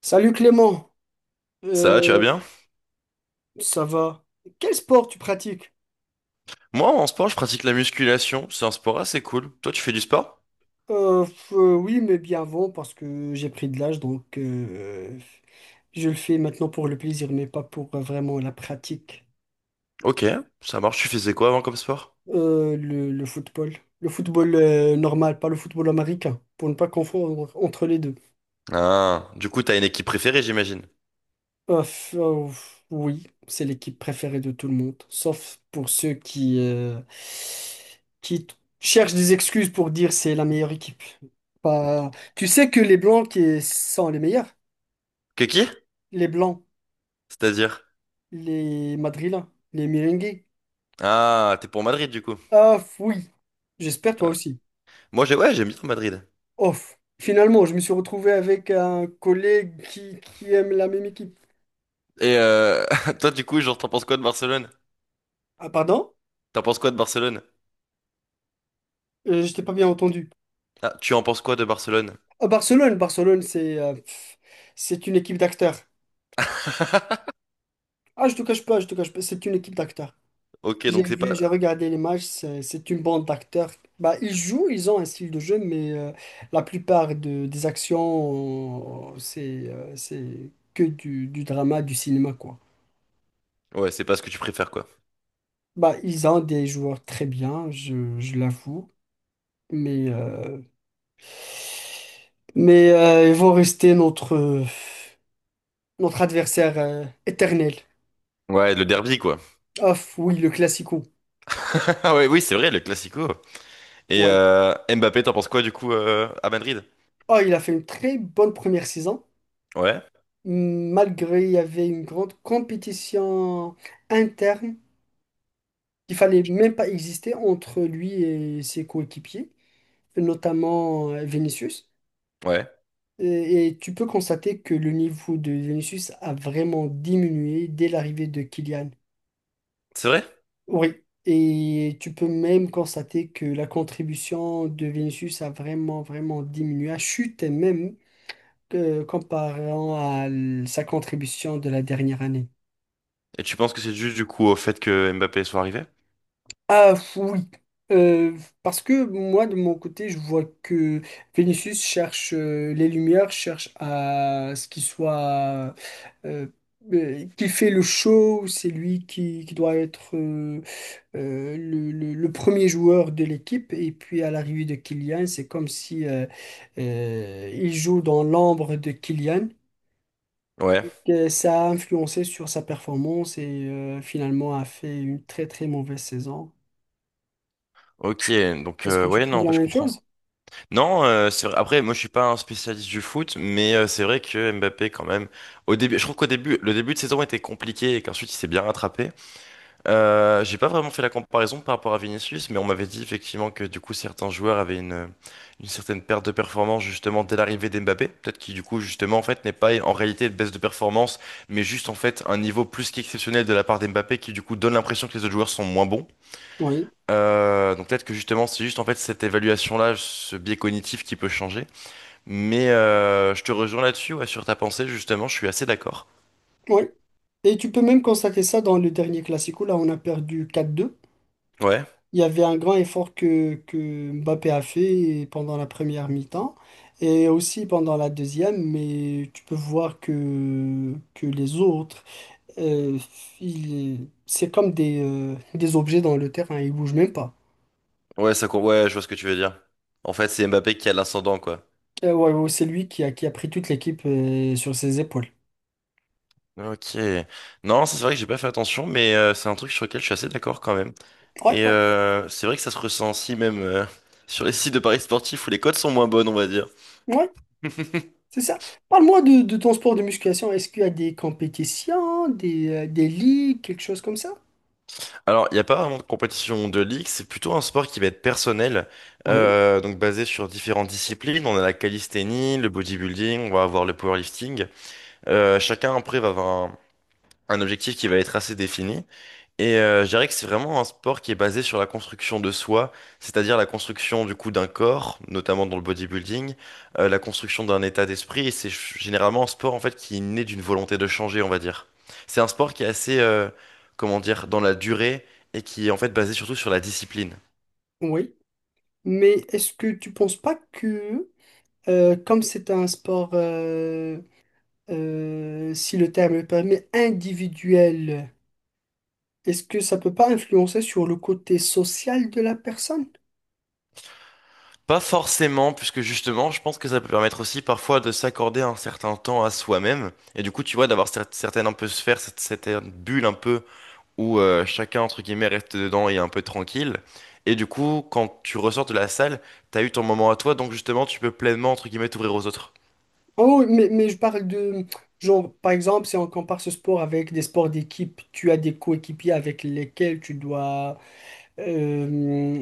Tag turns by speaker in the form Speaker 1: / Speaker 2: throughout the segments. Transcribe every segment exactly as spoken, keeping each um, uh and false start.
Speaker 1: Salut Clément.
Speaker 2: Ça va, tu vas
Speaker 1: Euh,
Speaker 2: bien?
Speaker 1: ça va? Quel sport tu pratiques?
Speaker 2: Moi, en sport, je pratique la musculation. C'est un sport assez cool. Toi, tu fais du sport?
Speaker 1: Euh, f- euh, oui, mais bien avant parce que j'ai pris de l'âge, donc euh, je le fais maintenant pour le plaisir, mais pas pour euh, vraiment la pratique.
Speaker 2: Ok, ça marche. Tu faisais quoi avant comme sport?
Speaker 1: Euh, le, le football, le football euh, normal, pas le football américain, pour ne pas confondre entre les deux.
Speaker 2: Ah, du coup, t'as une équipe préférée, j'imagine.
Speaker 1: Euh, f- euh, oui, c'est l'équipe préférée de tout le monde, sauf pour ceux qui, euh, qui t- cherchent des excuses pour dire c'est la meilleure équipe. Pas... Tu sais que les Blancs qui sont les meilleurs,
Speaker 2: Que qui?
Speaker 1: les Blancs,
Speaker 2: C'est-à-dire?
Speaker 1: les Madrilènes, les Merengues.
Speaker 2: Ah, t'es pour Madrid, du coup.
Speaker 1: Ah oui, j'espère toi
Speaker 2: Ouais.
Speaker 1: aussi.
Speaker 2: Moi, j'ai, ouais, j'aime bien Madrid.
Speaker 1: Off. Finalement, je me suis retrouvé avec un collègue qui, qui aime la même équipe.
Speaker 2: Et euh, toi, du coup, genre, t'en penses quoi de Barcelone?
Speaker 1: Ah pardon?
Speaker 2: T'en penses quoi de Barcelone?
Speaker 1: Euh, je t'ai pas bien entendu.
Speaker 2: Ah, tu en penses quoi de Barcelone?
Speaker 1: Ah, Barcelone, Barcelone, c'est euh, pff, c'est une équipe d'acteurs. Ah, je te cache pas, je te cache pas, c'est une équipe d'acteurs.
Speaker 2: Ok,
Speaker 1: J'ai
Speaker 2: donc c'est
Speaker 1: vu,
Speaker 2: pas,
Speaker 1: j'ai regardé les matchs, c'est c'est une bande d'acteurs. Bah, ils jouent, ils ont un style de jeu, mais euh, la plupart de- des actions, euh, c'est euh, c'est que du, du drama, du cinéma, quoi.
Speaker 2: ouais, c'est pas ce que tu préfères, quoi.
Speaker 1: Bah, ils ont des joueurs très bien, je, je l'avoue, mais, euh, mais euh, ils vont rester notre, euh, notre adversaire euh, éternel.
Speaker 2: Ouais, le derby, quoi.
Speaker 1: Off, oui, le classico.
Speaker 2: Ah ouais, oui, c'est vrai, le classico. Et
Speaker 1: Ouais.
Speaker 2: euh, Mbappé, t'en penses quoi, du coup, euh, à Madrid?
Speaker 1: Oh, il a fait une très bonne première saison.
Speaker 2: Ouais,
Speaker 1: Malgré il y avait une grande compétition interne qu'il fallait même pas exister entre lui et ses coéquipiers, notamment euh, Vinicius.
Speaker 2: ouais,
Speaker 1: Et, et tu peux constater que le niveau de Vinicius a vraiment diminué dès l'arrivée de Kylian.
Speaker 2: c'est vrai?
Speaker 1: Oui. Et tu peux même constater que la contribution de Vinicius a vraiment, vraiment diminué, a chuté même euh, comparant à l- sa contribution de la dernière année.
Speaker 2: Et tu penses que c'est dû du coup au fait que Mbappé soit arrivé?
Speaker 1: Ah, f- oui. Euh, parce que moi de mon côté je vois que Vénus cherche euh, les lumières, cherche à ce qu'il soit euh, euh, qui fait le show, c'est lui qui, qui doit être euh, euh, le, le- le premier joueur de l'équipe et puis à l'arrivée de Kylian c'est comme si euh, euh, il joue dans l'ombre de Kylian.
Speaker 2: Ouais.
Speaker 1: Euh, Ça a influencé sur sa performance et euh, finalement a fait une très très mauvaise saison.
Speaker 2: Ok, donc
Speaker 1: Est-ce que
Speaker 2: euh,
Speaker 1: tu
Speaker 2: ouais, non,
Speaker 1: trouves
Speaker 2: en
Speaker 1: la
Speaker 2: vrai, je
Speaker 1: même
Speaker 2: comprends.
Speaker 1: chose?
Speaker 2: Non, euh, c'est vrai. Après, moi, je suis pas un spécialiste du foot, mais euh, c'est vrai que Mbappé, quand même, au début, je trouve qu'au début, le début de saison était compliqué et qu'ensuite il s'est bien rattrapé. Euh, j'ai pas vraiment fait la comparaison par rapport à Vinicius, mais on m'avait dit effectivement que du coup certains joueurs avaient une, une certaine perte de performance justement dès l'arrivée d'Mbappé. Peut-être qu'il du coup justement en fait n'est pas en réalité une baisse de performance, mais juste en fait un niveau plus qu'exceptionnel de la part d'Mbappé qui du coup donne l'impression que les autres joueurs sont moins bons.
Speaker 1: Oui,
Speaker 2: Euh, donc peut-être que justement c'est juste en fait cette évaluation-là, ce biais cognitif qui peut changer. Mais euh, je te rejoins là-dessus, ouais, sur ta pensée justement, je suis assez d'accord.
Speaker 1: oui. Et tu peux même constater ça dans le dernier Classico. Là, on a perdu quatre deux.
Speaker 2: Ouais,
Speaker 1: Il y avait un grand effort que, que Mbappé a fait pendant la première mi-temps et aussi pendant la deuxième, mais tu peux voir que, que les autres, euh, ils- c'est comme des, euh, des objets dans le terrain, ils bougent même pas.
Speaker 2: ouais, ça, co- ouais, je vois ce que tu veux dire. En fait c'est Mbappé qui a l'ascendant quoi.
Speaker 1: Euh, ouais, ouais, c'est lui qui a, qui a pris toute l'équipe euh, sur ses épaules.
Speaker 2: Ok. Non, c'est vrai que j'ai pas fait attention, mais euh, c'est un truc sur lequel je suis assez d'accord quand même.
Speaker 1: Ouais,
Speaker 2: Et
Speaker 1: ouais,
Speaker 2: euh, c'est vrai que ça se ressent aussi même euh, sur les sites de paris sportifs où les cotes sont moins bonnes, on va dire.
Speaker 1: ouais. C'est ça. Parle-moi de, de ton sport de musculation. Est-ce qu'il y a des compétitions, des, euh, des ligues, quelque chose comme ça?
Speaker 2: Alors, il n'y a pas vraiment de compétition de ligue, c'est plutôt un sport qui va être personnel,
Speaker 1: Oui,
Speaker 2: euh, donc basé sur différentes disciplines. On a la calisthénie, le bodybuilding, on va avoir le powerlifting. Euh, chacun après va avoir un, un objectif qui va être assez défini. Et euh, je dirais que c'est vraiment un sport qui est basé sur la construction de soi, c'est-à-dire la construction du coup d'un corps, notamment dans le bodybuilding, euh, la construction d'un état d'esprit. Et c'est ch- généralement un sport en fait qui naît d'une volonté de changer, on va dire. C'est un sport qui est assez, euh, comment dire, dans la durée et qui est en fait basé surtout sur la discipline.
Speaker 1: oui. Mais est-ce que tu penses pas que, euh, comme c'est un sport, euh, euh, si le terme le permet, individuel, est-ce que ça peut pas influencer sur le côté social de la personne?
Speaker 2: Pas forcément, puisque justement, je pense que ça peut permettre aussi parfois de s'accorder un certain temps à soi-même. Et du coup, tu vois, d'avoir cer- certaines un peu sphères, cette, cette bulle un peu où euh, chacun, entre guillemets, reste dedans et est un peu tranquille. Et du coup, quand tu ressors de la salle, t'as eu ton moment à toi, donc justement, tu peux pleinement, entre guillemets, t'ouvrir aux autres.
Speaker 1: Oh, mais, mais je parle de, genre, par exemple, si on compare ce sport avec des sports d'équipe, tu as des coéquipiers avec lesquels tu dois, euh,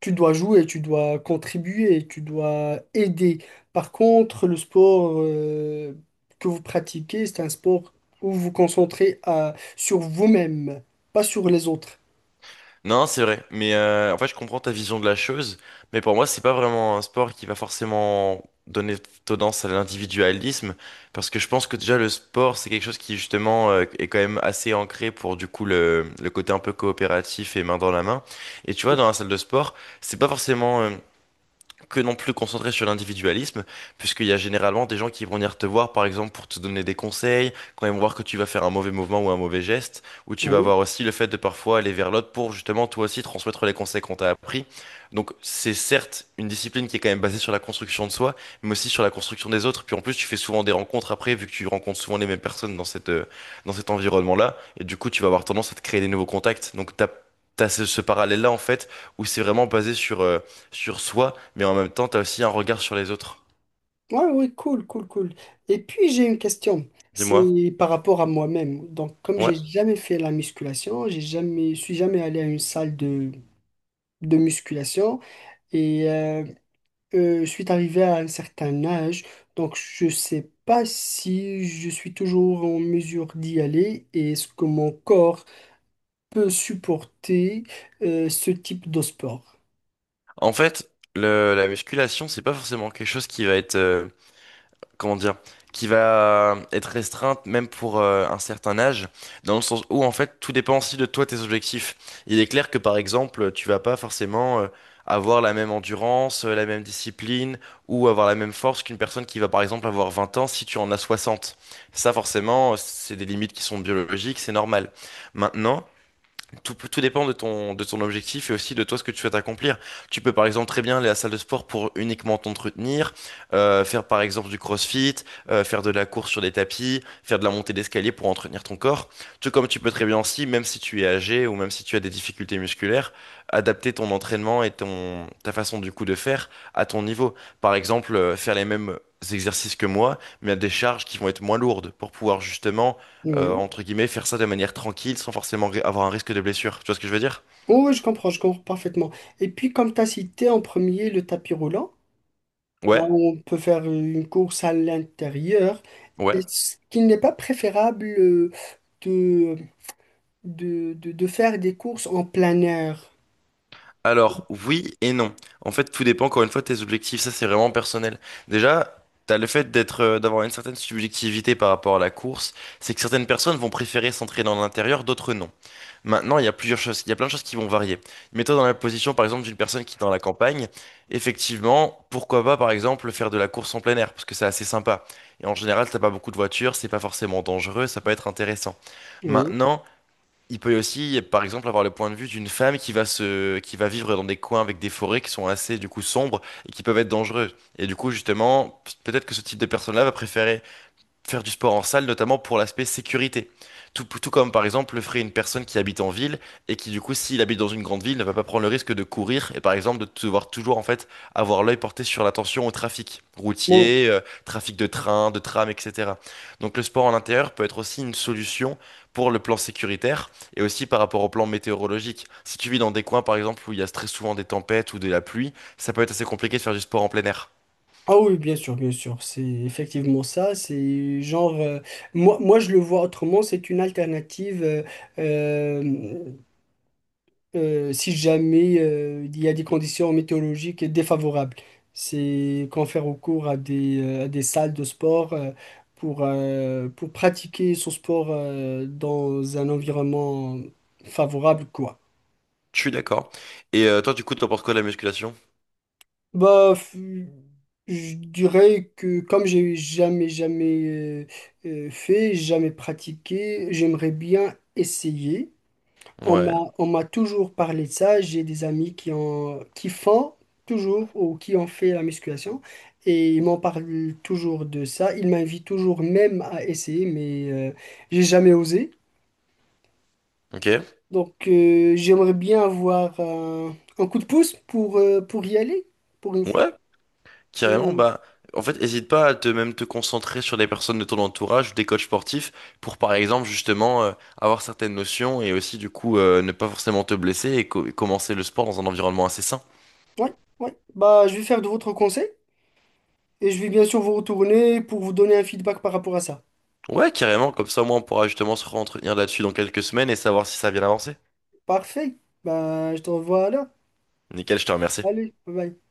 Speaker 1: tu dois jouer, tu dois contribuer, tu dois aider. Par contre, le sport, euh, que vous pratiquez, c'est un sport où vous vous concentrez à- sur vous-même, pas sur les autres.
Speaker 2: Non, c'est vrai, mais euh, en fait, je comprends ta vision de la chose, mais pour moi, c'est pas vraiment un sport qui va forcément donner tendance à l'individualisme, parce que je pense que déjà, le sport, c'est quelque chose qui, justement, euh, est quand même assez ancré pour, du coup, le, le côté un peu coopératif et main dans la main. Et tu vois, dans la salle de sport, c'est pas forcément euh, que non plus concentré sur l'individualisme, puisqu'il y a généralement des gens qui vont venir te voir, par exemple, pour te donner des conseils, quand ils vont voir que tu vas faire un mauvais mouvement ou un mauvais geste, ou tu vas
Speaker 1: Oui.
Speaker 2: voir aussi le fait de parfois aller vers l'autre pour justement toi aussi transmettre les conseils qu'on t'a appris. Donc c'est certes une discipline qui est quand même basée sur la construction de soi, mais aussi sur la construction des autres. Puis en plus, tu fais souvent des rencontres après, vu que tu rencontres souvent les mêmes personnes dans cette, euh, dans cet environnement-là, et du coup, tu vas avoir tendance à te créer des nouveaux contacts. Donc t'as, t'as ce, ce parallèle-là, en fait, où c'est vraiment basé sur euh, sur soi, mais en même temps, t'as aussi un regard sur les autres.
Speaker 1: Ouais, ouais, cool, cool, cool. Et puis j'ai une question,
Speaker 2: Dis-moi.
Speaker 1: c'est par rapport à moi-même. Donc, comme j'ai
Speaker 2: Ouais.
Speaker 1: jamais fait la musculation, j'ai jamais, je suis jamais allé à une salle de, de musculation et euh, euh, je suis arrivé à un certain âge, donc je sais pas si je suis toujours en mesure d'y aller et est-ce que mon corps peut supporter euh, ce type de sport.
Speaker 2: En fait, le, la musculation, c'est pas forcément quelque chose qui va être, euh, comment dire, qui va être restreinte même pour euh, un certain âge, dans le sens où en fait, tout dépend aussi de toi, tes objectifs. Il est clair que par exemple, tu vas pas forcément euh, avoir la même endurance, euh, la même discipline, ou avoir la même force qu'une personne qui va par exemple avoir vingt ans si tu en as soixante. Ça, forcément, c'est des limites qui sont biologiques, c'est normal. Maintenant, tout, tout dépend de ton, de ton objectif et aussi de toi ce que tu souhaites accomplir. Tu peux par exemple très bien aller à la salle de sport pour uniquement t'entretenir, euh, faire par exemple du crossfit, euh, faire de la course sur des tapis, faire de la montée d'escalier pour entretenir ton corps. Tout comme tu peux très bien aussi, même si tu es âgé ou même si tu as des difficultés musculaires, adapter ton entraînement et ton, ta façon du coup de faire à ton niveau. Par exemple, euh, faire les mêmes exercices que moi, mais à des charges qui vont être moins lourdes pour pouvoir justement euh,
Speaker 1: Oui.
Speaker 2: entre guillemets, faire ça de manière tranquille sans forcément ri- avoir un risque de blessure. Tu vois ce que je veux dire?
Speaker 1: Oui, oui, je comprends, je comprends parfaitement. Et puis, comme tu as cité en premier le tapis roulant. Là,
Speaker 2: Ouais,
Speaker 1: on peut faire une course à l'intérieur.
Speaker 2: ouais.
Speaker 1: Est-ce qu'il n'est pas préférable euh, de, de, de, de faire des courses en plein air?
Speaker 2: Alors, oui et non. En fait, tout dépend encore une fois de tes objectifs. Ça, c'est vraiment personnel. Déjà, t'as le fait d'être, euh, d'avoir une certaine subjectivité par rapport à la course. C'est que certaines personnes vont préférer s'entraîner en intérieur, d'autres non. Maintenant, il y a plusieurs choses, il y a plein de choses qui vont varier. Mets-toi dans la position, par exemple, d'une personne qui est dans la campagne. Effectivement, pourquoi pas, par exemple, faire de la course en plein air, parce que c'est assez sympa. Et en général, t'as pas beaucoup de voitures, c'est pas forcément dangereux, ça peut être intéressant.
Speaker 1: Oui.
Speaker 2: Maintenant, il peut aussi, par exemple, avoir le point de vue d'une femme qui va se, qui va vivre dans des coins avec des forêts qui sont assez, du coup, sombres et qui peuvent être dangereux. Et du coup, justement, peut-être que ce type de personne-là va préférer faire du sport en salle, notamment pour l'aspect sécurité. Tout, tout comme par exemple le ferait une personne qui habite en ville et qui du coup s'il habite dans une grande ville ne va pas prendre le risque de courir et par exemple de devoir toujours en fait avoir l'œil porté sur l'attention au trafic
Speaker 1: Bon.
Speaker 2: routier, euh, trafic de train, de tram, et cetera. Donc le sport en intérieur peut être aussi une solution pour le plan sécuritaire et aussi par rapport au plan météorologique. Si tu vis dans des coins par exemple où il y a très souvent des tempêtes ou de la pluie, ça peut être assez compliqué de faire du sport en plein air.
Speaker 1: Ah oui, bien sûr, bien sûr. C'est effectivement ça. C'est genre, euh, moi, moi, je le vois autrement. C'est une alternative. euh, euh, euh, Si jamais euh, il y a des conditions météorologiques défavorables, c'est qu'on fait recours à des, euh, à des salles de sport euh, pour, euh, pour pratiquer son sport euh, dans un environnement favorable, quoi.
Speaker 2: Je suis d'accord. Et euh, toi du coup t'en penses quoi de la musculation?
Speaker 1: Bah, f- je dirais que comme j'ai jamais, jamais euh, euh, fait, jamais pratiqué, j'aimerais bien essayer. On
Speaker 2: Ouais.
Speaker 1: m'a, on m'a toujours parlé de ça. J'ai des amis qui ont, qui font toujours ou qui ont fait la musculation et ils m'en parlent toujours de ça. Ils m'invitent toujours même à essayer, mais euh, j'ai jamais osé.
Speaker 2: Ok,
Speaker 1: Donc euh, j'aimerais bien avoir un, un coup de pouce pour, euh, pour y aller pour une fois.
Speaker 2: ouais,
Speaker 1: Et
Speaker 2: carrément, bah, en fait, hésite pas à te même te concentrer sur des personnes de ton entourage ou des coachs sportifs pour, par exemple, justement, euh, avoir certaines notions et aussi, du coup, euh, ne pas forcément te blesser et co- et commencer le sport dans un environnement assez sain.
Speaker 1: ouais, ouais. Bah, je vais faire de votre conseil et je vais bien sûr vous retourner pour vous donner un feedback par rapport à ça.
Speaker 2: Ouais, carrément, comme ça, au moins, on pourra justement se re-entretenir là-dessus dans quelques semaines et savoir si ça a bien avancé.
Speaker 1: Parfait. Bah, je te revois là.
Speaker 2: Nickel, je te remercie.
Speaker 1: Allez, bye bye.